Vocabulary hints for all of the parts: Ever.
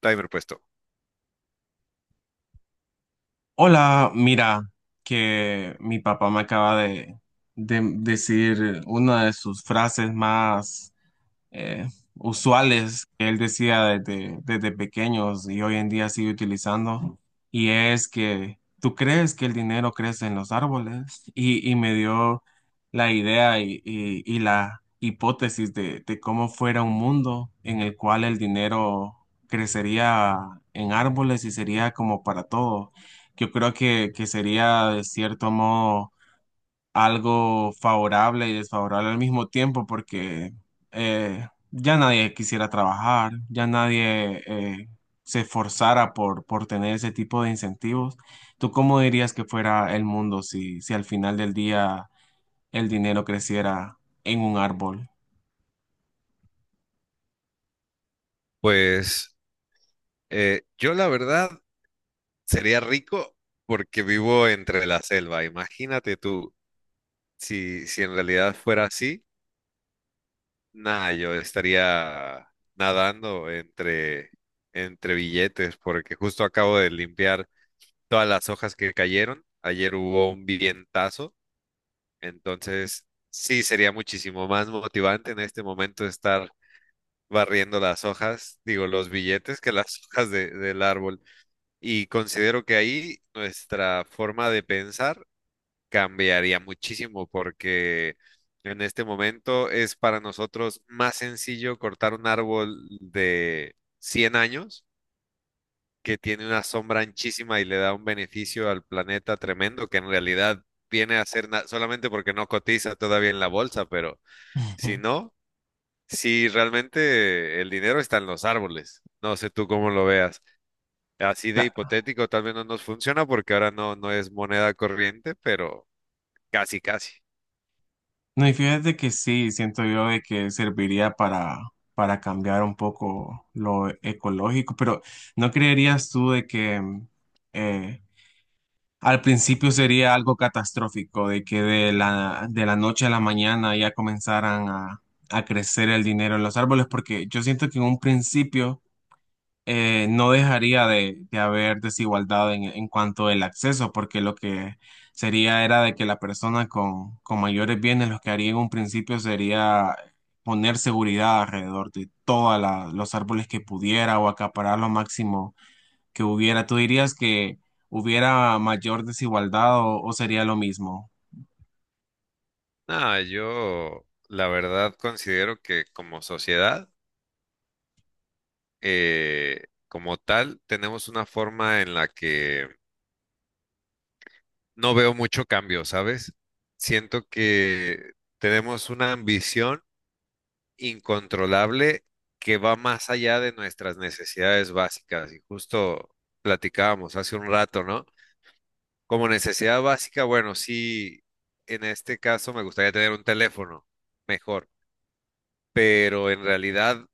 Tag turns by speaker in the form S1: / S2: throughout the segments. S1: Timer puesto.
S2: Hola, mira, que mi papá me acaba de decir una de sus frases más eh, usuales que él decía desde pequeños y hoy en día sigue utilizando, y es que tú crees que el dinero crece en los árboles, y me dio la idea y la hipótesis de cómo fuera un mundo en el cual el dinero crecería en árboles y sería como para todo. Yo creo que sería de cierto modo algo favorable y desfavorable al mismo tiempo porque ya nadie quisiera trabajar, ya nadie se esforzara por tener ese tipo de incentivos. ¿Tú cómo dirías que fuera el mundo si al final del día el dinero creciera en un árbol?
S1: Pues yo la verdad sería rico porque vivo entre la selva. Imagínate tú, si en realidad fuera así, nada, yo estaría nadando entre billetes porque justo acabo de limpiar todas las hojas que cayeron. Ayer hubo un vivientazo, entonces sí sería muchísimo más motivante en este momento estar barriendo las hojas, digo, los billetes que las hojas del árbol. Y considero que ahí nuestra forma de pensar cambiaría muchísimo porque en este momento es para nosotros más sencillo cortar un árbol de 100 años que tiene una sombra anchísima y le da un beneficio al planeta tremendo, que en realidad viene a ser solamente porque no cotiza todavía en la bolsa. Pero si no, si realmente el dinero está en los árboles. No sé tú cómo lo veas. Así de
S2: Cla-
S1: hipotético, tal vez no nos funciona porque ahora no es moneda corriente, pero casi, casi.
S2: No, y fíjate que sí, siento yo de que serviría para cambiar un poco lo ecológico, pero ¿no creerías tú de que eh, Al principio sería algo catastrófico, de que de la noche a la mañana ya comenzaran a crecer el dinero en los árboles, porque yo siento que en un principio no dejaría de haber desigualdad en cuanto al acceso, porque lo que sería era de que la persona con mayores bienes, lo que haría en un principio sería poner seguridad alrededor de todos los árboles que pudiera o acaparar lo máximo que hubiera? ¿Tú dirías que hubiera mayor desigualdad o sería lo mismo?
S1: Nada, yo la verdad considero que como sociedad, como tal, tenemos una forma en la que no veo mucho cambio, ¿sabes? Siento que tenemos una ambición incontrolable que va más allá de nuestras necesidades básicas. Y justo platicábamos hace un rato, ¿no? Como necesidad básica, bueno, sí, en este caso me gustaría tener un teléfono mejor, pero en realidad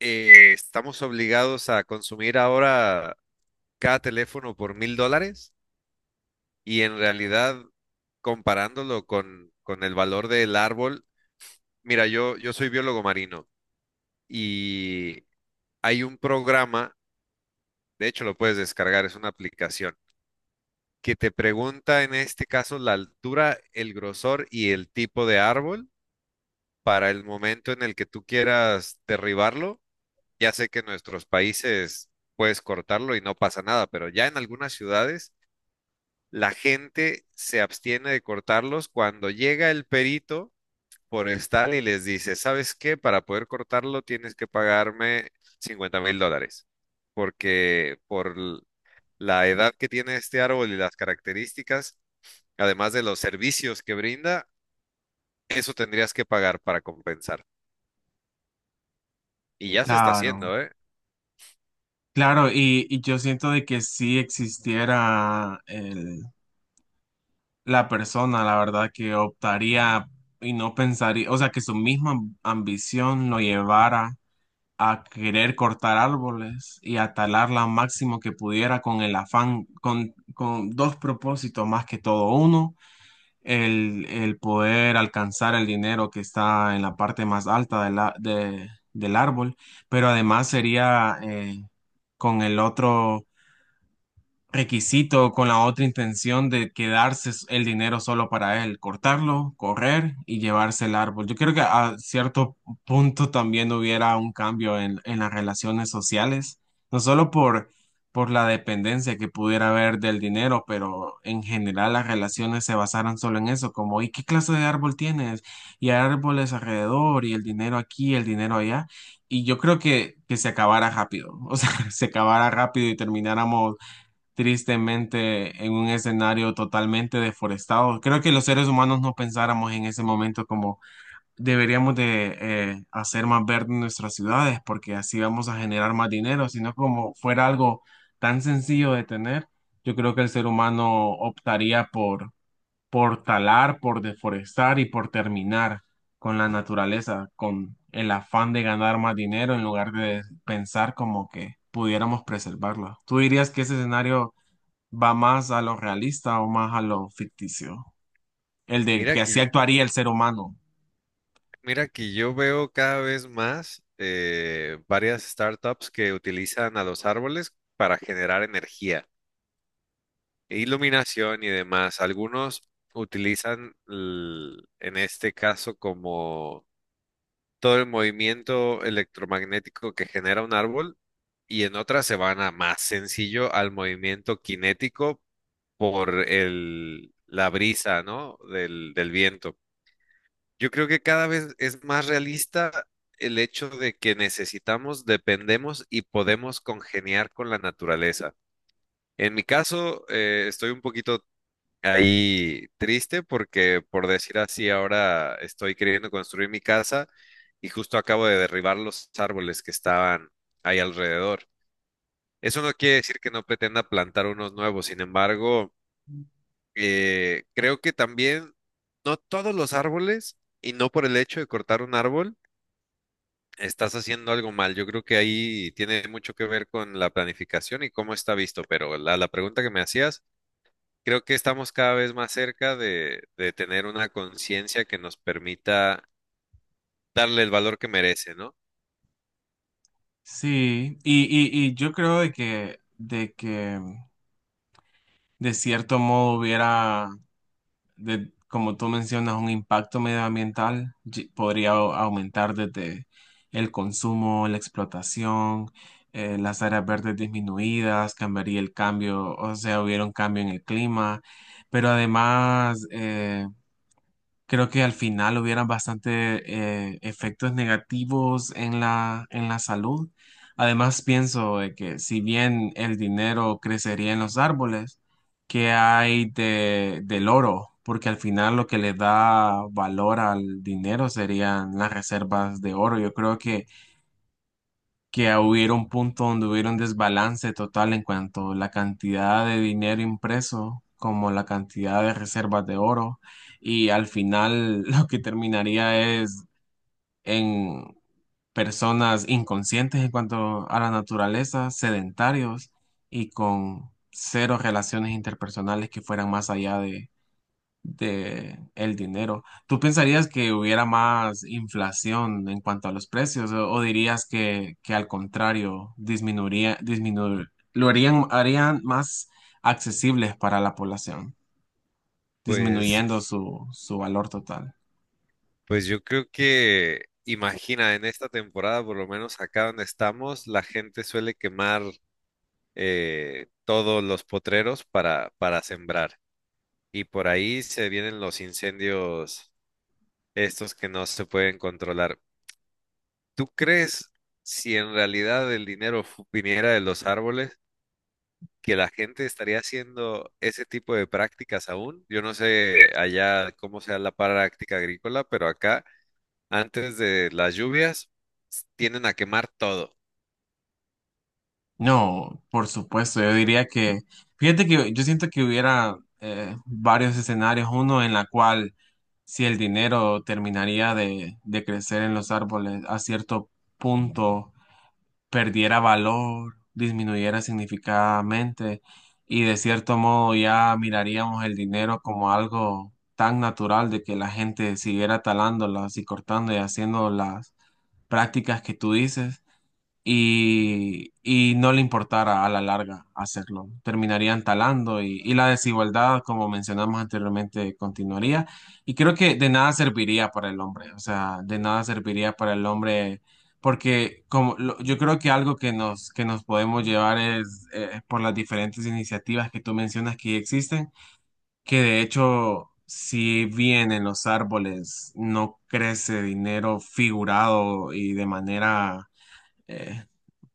S1: estamos obligados a consumir ahora cada teléfono por $1,000, y en realidad comparándolo con el valor del árbol. Mira, yo soy biólogo marino y hay un programa, de hecho lo puedes descargar, es una aplicación que te pregunta en este caso la altura, el grosor y el tipo de árbol para el momento en el que tú quieras derribarlo. Ya sé que en nuestros países puedes cortarlo y no pasa nada, pero ya en algunas ciudades la gente se abstiene de cortarlos cuando llega el perito forestal y les dice, ¿sabes qué? Para poder cortarlo tienes que pagarme $50,000, porque por la edad que tiene este árbol y las características, además de los servicios que brinda, eso tendrías que pagar para compensar. Y ya se está
S2: Claro,
S1: haciendo, ¿eh?
S2: claro, y yo siento de que si existiera la persona, la verdad, que optaría y no pensaría, o sea, que su misma ambición lo llevara a querer cortar árboles y a talarla máximo que pudiera con el afán, con dos propósitos más que todo. Uno, el poder alcanzar el dinero que está en la parte más alta del árbol, pero además sería con el otro requisito con la otra intención de quedarse el dinero solo para él, cortarlo, correr y llevarse el árbol. Yo creo que a cierto punto también hubiera un cambio en las relaciones sociales, no solo por la dependencia que pudiera haber del dinero, pero en general las relaciones se basaran solo en eso, como ¿y qué clase de árbol tienes? Y hay árboles alrededor y el dinero aquí, el dinero allá. Y yo creo que se acabara rápido, o sea, se acabara rápido y termináramos tristemente en un escenario totalmente deforestado. Creo que los seres humanos no pensáramos en ese momento como deberíamos de hacer más verde nuestras ciudades porque así vamos a generar más dinero, sino como fuera algo tan sencillo de tener, yo creo que el ser humano optaría por talar, por deforestar y por terminar con la naturaleza, con el afán de ganar más dinero en lugar de pensar como que pudiéramos preservarla. ¿Tú dirías que ese escenario va más a lo realista o más a lo ficticio? El de
S1: Mira
S2: que así
S1: que,
S2: actuaría el ser humano.
S1: mira que yo veo cada vez más varias startups que utilizan a los árboles para generar energía e iluminación y demás. Algunos utilizan, en este caso, como todo el movimiento electromagnético que genera un árbol, y en otras se van a más sencillo al movimiento cinético por la brisa, ¿no? Del viento. Yo creo que cada vez es más realista el hecho de que necesitamos, dependemos y podemos congeniar con la naturaleza. En mi caso, estoy un poquito ahí triste porque, por decir así, ahora estoy queriendo construir mi casa y justo acabo de derribar los árboles que estaban ahí alrededor. Eso no quiere decir que no pretenda plantar unos nuevos. Sin embargo, creo que también no todos los árboles, y no por el hecho de cortar un árbol estás haciendo algo mal. Yo creo que ahí tiene mucho que ver con la planificación y cómo está visto, pero la pregunta que me hacías, creo que estamos cada vez más cerca de tener una conciencia que nos permita darle el valor que merece, ¿no?
S2: Sí, y yo creo de que de cierto modo hubiera, de, como tú mencionas, un impacto medioambiental, podría aumentar desde el consumo, la explotación, las áreas verdes disminuidas, cambiaría el cambio, o sea, hubiera un cambio en el clima, pero además, creo que al final hubieran bastante efectos negativos en la, salud. Además, pienso de que si bien el dinero crecería en los árboles, ¿qué hay del oro? Porque al final lo que le da valor al dinero serían las reservas de oro. Yo creo que hubiera un punto donde hubiera un desbalance total en cuanto a la cantidad de dinero impreso como la cantidad de reservas de oro y al final lo que terminaría es en personas inconscientes en cuanto a la naturaleza, sedentarios y con cero relaciones interpersonales que fueran más allá de el dinero. ¿Tú pensarías que hubiera más inflación en cuanto a los precios o dirías que al contrario disminuiría, lo harían más accesibles para la población,
S1: Pues,
S2: disminuyendo su valor total?
S1: pues yo creo que, imagina, en esta temporada, por lo menos acá donde estamos, la gente suele quemar todos los potreros para sembrar. Y por ahí se vienen los incendios estos que no se pueden controlar. ¿Tú crees si en realidad el dinero viniera de los árboles, que la gente estaría haciendo ese tipo de prácticas aún? Yo no sé allá cómo sea la práctica agrícola, pero acá antes de las lluvias tienden a quemar todo.
S2: No, por supuesto, yo diría que, fíjate que yo siento que hubiera varios escenarios, uno en la cual si el dinero terminaría de crecer en los árboles a cierto punto, perdiera valor, disminuyera significadamente y de cierto modo ya miraríamos el dinero como algo tan natural de que la gente siguiera talándolas y cortando y haciendo las prácticas que tú dices y no le importara a la larga hacerlo. Terminarían talando y la desigualdad, como mencionamos anteriormente, continuaría. Y creo que de nada serviría para el hombre, o sea, de nada serviría para el hombre, porque como yo creo que algo que nos podemos llevar es por las diferentes iniciativas que tú mencionas que ya existen, que de hecho... Si bien en los árboles no crece dinero figurado y eh,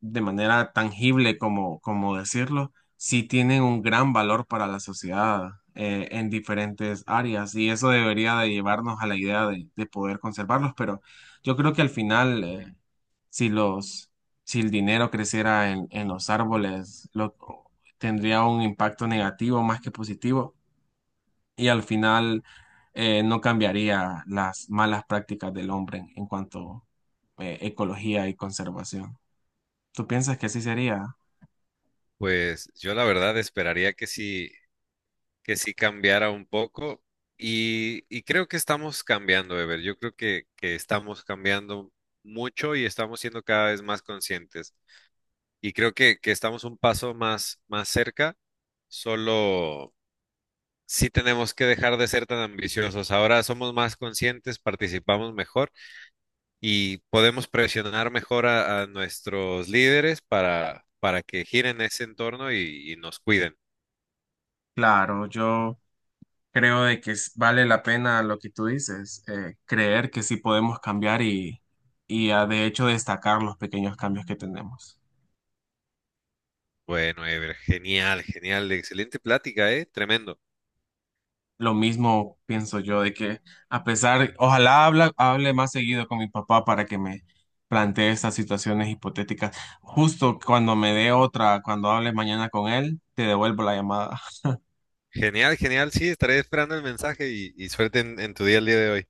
S2: de manera tangible como decirlo, sí tienen un gran valor para la sociedad en diferentes áreas y eso debería de llevarnos a la idea de poder conservarlos, pero yo creo que al final, si los, si el dinero creciera en los árboles, tendría un impacto negativo más que positivo y al final no cambiaría las malas prácticas del hombre en cuanto a ecología y conservación. ¿Tú piensas que así sería?
S1: Pues yo la verdad esperaría que sí cambiara un poco, y creo que estamos cambiando, Ever. Yo creo que estamos cambiando mucho y estamos siendo cada vez más conscientes. Y creo que estamos un paso más, más cerca. Solo sí tenemos que dejar de ser tan ambiciosos. Ahora somos más conscientes, participamos mejor y podemos presionar mejor a nuestros líderes para que giren ese entorno y nos cuiden.
S2: Claro, yo creo de que vale la pena lo que tú dices, creer que sí podemos cambiar y ah, de hecho destacar los pequeños cambios que tenemos.
S1: Bueno, Ever, genial, genial, excelente plática, ¿eh? Tremendo.
S2: Lo mismo pienso yo de que a pesar, ojalá hable más seguido con mi papá para que me plantee estas situaciones hipotéticas. Justo cuando me dé otra, cuando hable mañana con él, te devuelvo la llamada.
S1: Genial, genial, sí, estaré esperando el mensaje y suerte en tu día el día de hoy.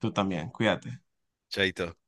S2: Tú también, cuídate.
S1: Chaito.